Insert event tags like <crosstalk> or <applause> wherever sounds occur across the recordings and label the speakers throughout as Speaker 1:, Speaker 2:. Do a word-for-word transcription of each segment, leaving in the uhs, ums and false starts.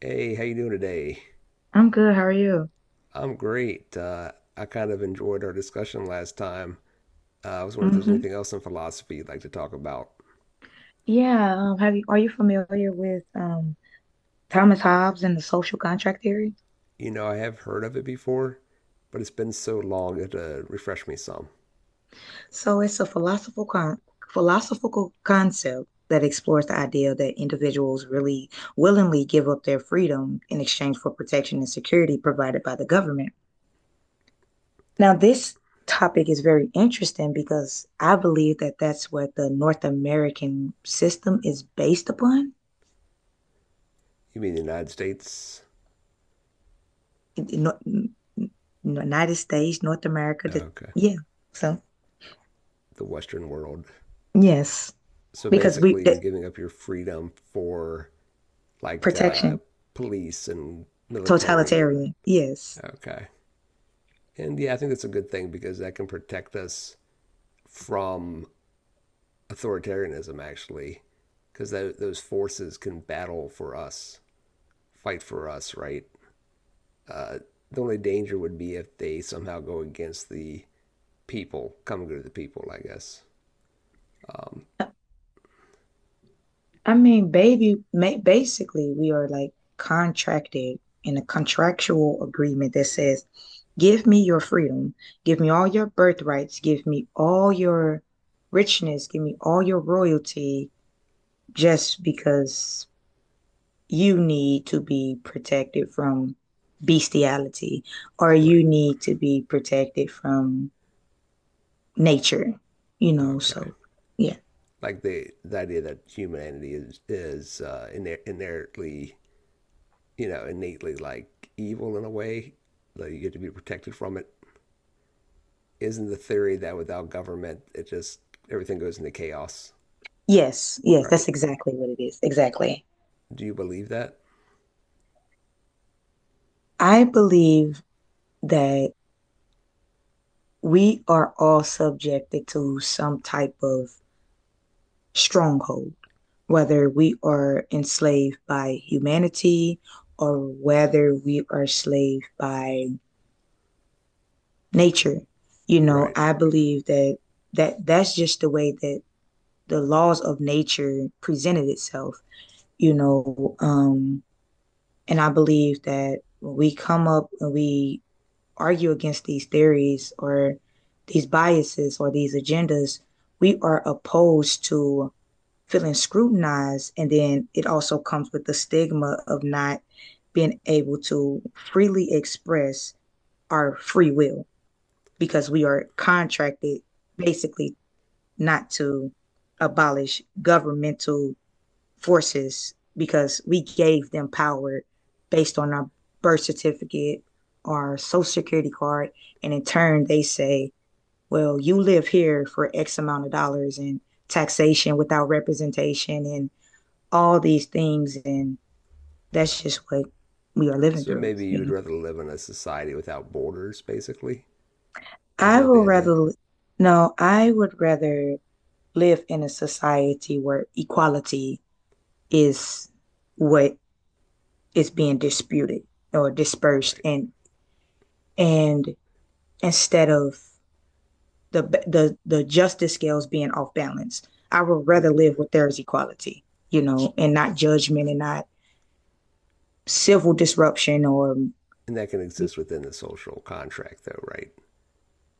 Speaker 1: Hey, how you doing today?
Speaker 2: I'm good. How are you?
Speaker 1: I'm great. Uh, I kind of enjoyed our discussion last time. Uh, I was wondering if there's
Speaker 2: hmm
Speaker 1: anything else in philosophy you'd like to talk about.
Speaker 2: Yeah. Um, have you, are you familiar with um, Thomas Hobbes and the social contract theory?
Speaker 1: You know, I have heard of it before, but it's been so long it uh, refreshed me some.
Speaker 2: So it's a philosophical con philosophical concept that explores the idea that individuals really willingly give up their freedom in exchange for protection and security provided by the government. Now, this topic is very interesting because I believe that that's what the North American system is based upon.
Speaker 1: You mean the United States?
Speaker 2: in, in North, in United States, North America. The,
Speaker 1: Okay,
Speaker 2: yeah. So
Speaker 1: the Western world.
Speaker 2: yes,
Speaker 1: So
Speaker 2: because we
Speaker 1: basically, you're
Speaker 2: the,
Speaker 1: giving up your freedom for like uh,
Speaker 2: protection,
Speaker 1: police and military and
Speaker 2: totalitarian. Yes.
Speaker 1: okay. And yeah, I think that's a good thing because that can protect us from authoritarianism actually, because those forces can battle for us, fight for us, right? Uh, the only danger would be if they somehow go against the people, coming to the people, I guess. Um,
Speaker 2: I mean, baby, basically, we are like contracted in a contractual agreement that says, give me your freedom, give me all your birthrights, give me all your richness, give me all your royalty just because you need to be protected from bestiality or
Speaker 1: right.
Speaker 2: you need to be protected from nature, you know.
Speaker 1: Okay.
Speaker 2: So, yeah.
Speaker 1: Like the the idea that humanity is is uh, inherently, you know, innately like evil in a way that you get to be protected from it. Isn't the theory that without government, it just everything goes into chaos,
Speaker 2: Yes, yes,
Speaker 1: right?
Speaker 2: that's exactly what it is. Exactly.
Speaker 1: Do you believe that?
Speaker 2: I believe that we are all subjected to some type of stronghold, whether we are enslaved by humanity or whether we are enslaved by nature. You know,
Speaker 1: Right.
Speaker 2: I believe that that that's just the way that the laws of nature presented itself. You know, um, and I believe that when we come up and we argue against these theories or these biases or these agendas, we are opposed to feeling scrutinized. And then it also comes with the stigma of not being able to freely express our free will because we are contracted basically not to abolish governmental forces because we gave them power based on our birth certificate, our social security card, and in turn they say, well, you live here for X amount of dollars and taxation without representation and all these things, and that's just what we are living
Speaker 1: So
Speaker 2: through,
Speaker 1: maybe you
Speaker 2: you
Speaker 1: would
Speaker 2: know.
Speaker 1: rather live in a society without borders, basically? Is
Speaker 2: I
Speaker 1: that
Speaker 2: will
Speaker 1: the idea?
Speaker 2: rather no, I would rather live in a society where equality is what is being disputed or dispersed,
Speaker 1: Right,
Speaker 2: and and instead of the the the justice scales being off balance, I would rather
Speaker 1: right.
Speaker 2: live where there is equality, you know, and not judgment and not civil disruption or
Speaker 1: And that can exist within the social contract, though, right?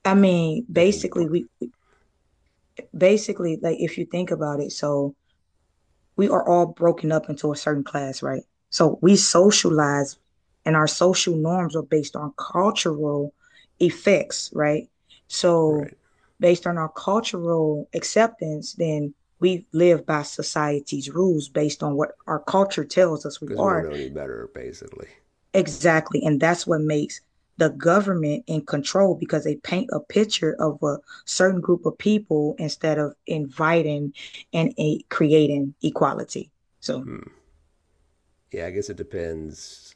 Speaker 2: i mean
Speaker 1: That can be
Speaker 2: basically
Speaker 1: part of
Speaker 2: we
Speaker 1: it.
Speaker 2: basically, like, if you think about it, so we are all broken up into a certain class, right? So we
Speaker 1: Right,
Speaker 2: socialize and our social norms are based on cultural effects, right? So
Speaker 1: right.
Speaker 2: based on our cultural acceptance, then we live by society's rules based on what our culture tells us we
Speaker 1: Because we don't
Speaker 2: are,
Speaker 1: know any better, basically.
Speaker 2: exactly. And that's what makes the government in control because they paint a picture of a certain group of people instead of inviting and a, creating equality. So
Speaker 1: Hmm. Yeah, I guess it depends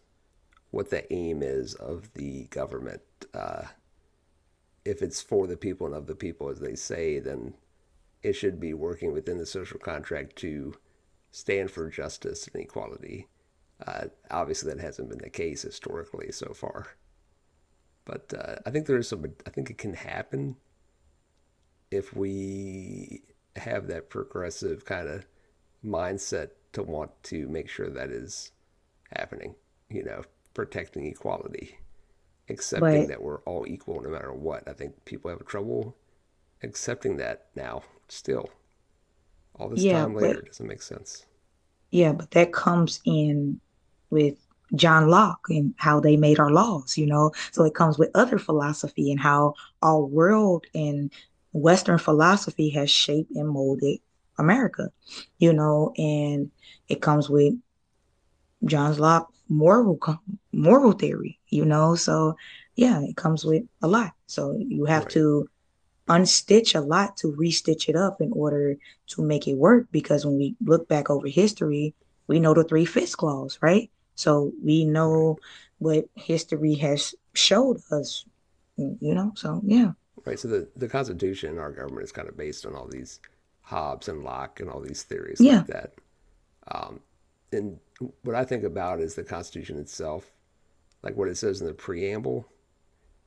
Speaker 1: what the aim is of the government. Uh, if it's for the people and of the people, as they say, then it should be working within the social contract to stand for justice and equality. Uh, obviously, that hasn't been the case historically so far, but uh, I think there is some. I think it can happen if we have that progressive kind of mindset to want to make sure that is happening. You know, protecting equality, accepting
Speaker 2: But
Speaker 1: that we're all equal no matter what. I think people have trouble accepting that now. Still, all this
Speaker 2: yeah,
Speaker 1: time
Speaker 2: but
Speaker 1: later, it doesn't make sense.
Speaker 2: yeah, but that comes in with John Locke and how they made our laws, you know. So it comes with other philosophy and how our world and Western philosophy has shaped and molded America, you know, and it comes with John Locke moral moral theory, you know. So yeah, it comes with a lot. So you have
Speaker 1: Right,
Speaker 2: to unstitch a lot to restitch it up in order to make it work. Because when we look back over history, we know the three fifths clause, right? So we
Speaker 1: right,
Speaker 2: know what history has showed us, you know? So yeah,
Speaker 1: right. So the, the Constitution in our government is kind of based on all these Hobbes and Locke and all these theories like
Speaker 2: yeah.
Speaker 1: that. Um, and what I think about is the Constitution itself, like what it says in the preamble,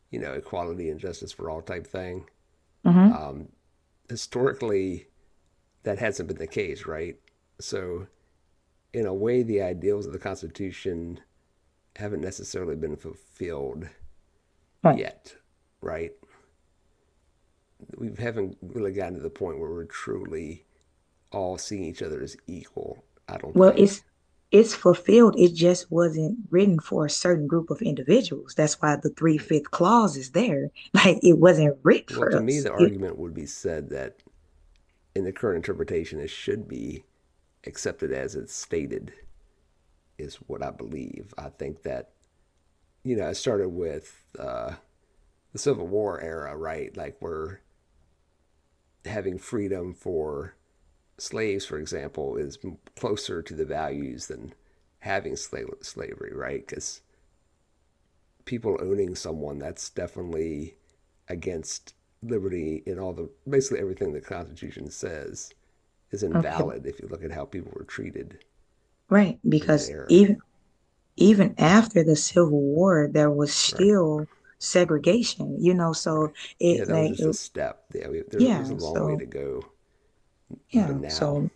Speaker 1: you know, equality and justice for all type thing.
Speaker 2: Mm-hmm.
Speaker 1: Historically, that hasn't been the case, right? So, in a way, the ideals of the Constitution haven't necessarily been fulfilled
Speaker 2: Right.
Speaker 1: yet, right? We haven't really gotten to the point where we're truly all seeing each other as equal, I don't
Speaker 2: Well,
Speaker 1: think.
Speaker 2: it's it's fulfilled. It just wasn't written for a certain group of individuals. That's why the three
Speaker 1: Right.
Speaker 2: fifth clause is there. <laughs> Like it wasn't written
Speaker 1: Well,
Speaker 2: for
Speaker 1: to me,
Speaker 2: us.
Speaker 1: the
Speaker 2: You,
Speaker 1: argument would be said that in the current interpretation, it should be accepted as it's stated, is what I believe. I think that, you know, it started with uh, the Civil War era, right? Like, we're having freedom for slaves, for example, is closer to the values than having slave slavery, right? Because people owning someone, that's definitely against liberty in all the basically everything the Constitution says is
Speaker 2: okay, b-
Speaker 1: invalid if you look at how people were treated
Speaker 2: right,
Speaker 1: in that
Speaker 2: because
Speaker 1: era.
Speaker 2: even even after the Civil War, there was
Speaker 1: Right,
Speaker 2: still segregation, you know,
Speaker 1: right.
Speaker 2: so
Speaker 1: Yeah,
Speaker 2: it
Speaker 1: that was
Speaker 2: like
Speaker 1: just a
Speaker 2: it-
Speaker 1: step. Yeah, we, there's, there's a
Speaker 2: yeah,
Speaker 1: long way to
Speaker 2: so
Speaker 1: go
Speaker 2: yeah,
Speaker 1: even now.
Speaker 2: so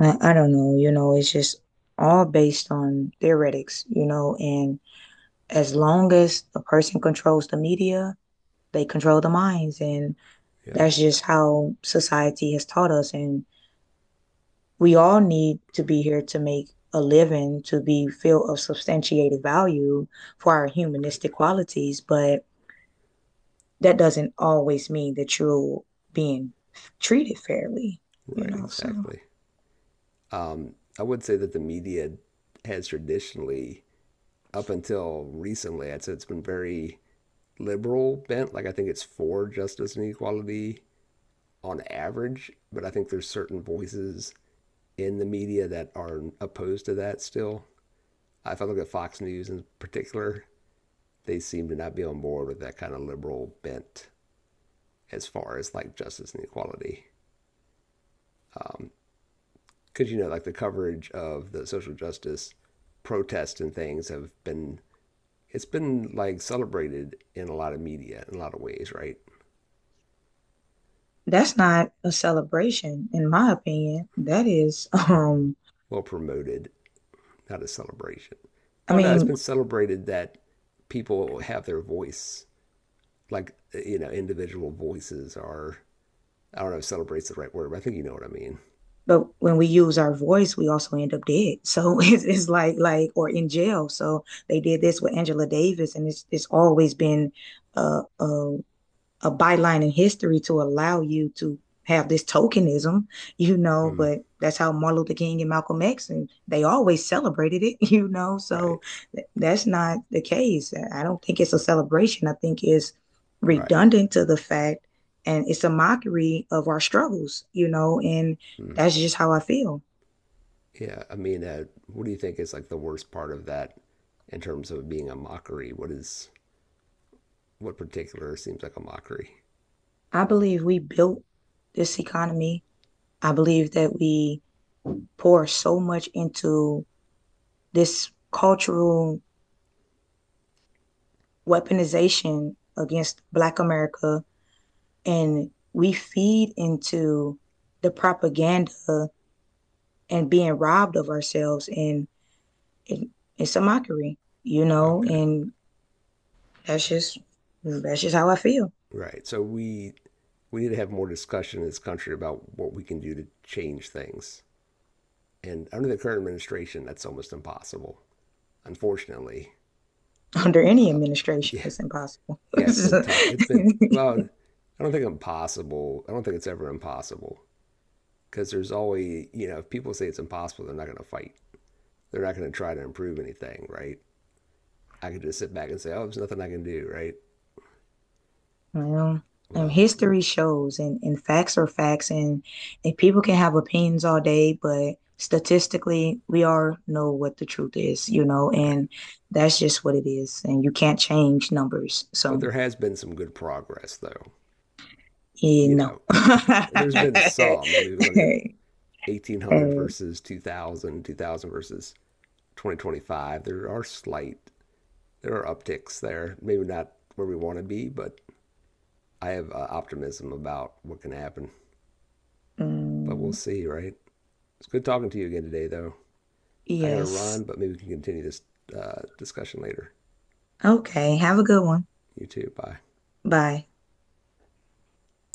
Speaker 2: I, I don't know, you know, it's just all based on theoretics, you know, and as long as a person controls the media, they control the minds and
Speaker 1: Yeah,
Speaker 2: that's just how society has taught us. And we all need to be here to make a living, to be filled of substantiated value for our
Speaker 1: right,
Speaker 2: humanistic qualities. But that doesn't always mean that you're being treated fairly, you
Speaker 1: right,
Speaker 2: know? So
Speaker 1: exactly. Um, I would say that the media has traditionally, up until recently, I'd say it's been very liberal bent. Like I think it's for justice and equality on average, but I think there's certain voices in the media that are opposed to that still. If I look at Fox News in particular, they seem to not be on board with that kind of liberal bent as far as like justice and equality. Um, Because, you know, like the coverage of the social justice protests and things have been, it's been like celebrated in a lot of media in a lot of ways, right?
Speaker 2: that's not a celebration, in my opinion. That is, <laughs> um,
Speaker 1: Well promoted, not a celebration.
Speaker 2: I
Speaker 1: Well, no, it's
Speaker 2: mean,
Speaker 1: been celebrated that people have their voice like you know individual voices are I don't know if celebrates the right word, but I think you know what I mean.
Speaker 2: but when we use our voice we also end up dead, so <laughs> it's, it's like like or in jail, so they did this with Angela Davis, and it's it's always been a. uh a byline in history to allow you to have this tokenism, you know,
Speaker 1: Mm.
Speaker 2: but that's how Martin Luther King and Malcolm X and they always celebrated it, <laughs> you know. So
Speaker 1: Right,
Speaker 2: th- that's not the case. I don't think it's a celebration. I think it's
Speaker 1: right.
Speaker 2: redundant to the fact, and it's a mockery of our struggles, you know, and
Speaker 1: Mm.
Speaker 2: that's just how I feel.
Speaker 1: Yeah, I mean, uh, what do you think is like the worst part of that in terms of being a mockery? What is what particular seems like a mockery?
Speaker 2: I believe we built this economy. I believe that we pour so much into this cultural weaponization against Black America, and we feed into the propaganda and being robbed of ourselves, and it, it's a mockery, you know.
Speaker 1: Okay,
Speaker 2: And that's just that's just how I feel.
Speaker 1: right. So we we need to have more discussion in this country about what we can do to change things. And under the current administration, that's almost impossible. Unfortunately,
Speaker 2: <laughs> Under any
Speaker 1: <laughs>
Speaker 2: administration,
Speaker 1: yeah,
Speaker 2: it's impossible. <laughs>
Speaker 1: yeah, it's been tough. It's been well. I don't think impossible. I don't think it's ever impossible because there's always you know if people say it's impossible, they're not going to fight. They're not going to try to improve anything, right? I could just sit back and say, oh, there's nothing I can do, right?
Speaker 2: Well, um,
Speaker 1: Well,
Speaker 2: history shows, and, and facts are facts, and, and people can have opinions all day, but statistically, we all know what the truth is, you know,
Speaker 1: right.
Speaker 2: and that's just what it is, and you can't change numbers,
Speaker 1: But
Speaker 2: so
Speaker 1: there has been some good progress, though.
Speaker 2: yeah,
Speaker 1: You
Speaker 2: no.
Speaker 1: know, there's been some. I mean, if you look at
Speaker 2: <laughs>
Speaker 1: eighteen hundred
Speaker 2: Uh,
Speaker 1: versus two thousand, two thousand versus twenty twenty-five. There are slight, there are upticks there. Maybe not where we want to be, but I have uh, optimism about what can happen, but we'll
Speaker 2: mm,
Speaker 1: see, right? It's good talking to you again today, though. I got to
Speaker 2: yes.
Speaker 1: run, but maybe we can continue this uh, discussion later.
Speaker 2: Okay. Have a good one.
Speaker 1: You too. Bye.
Speaker 2: Bye.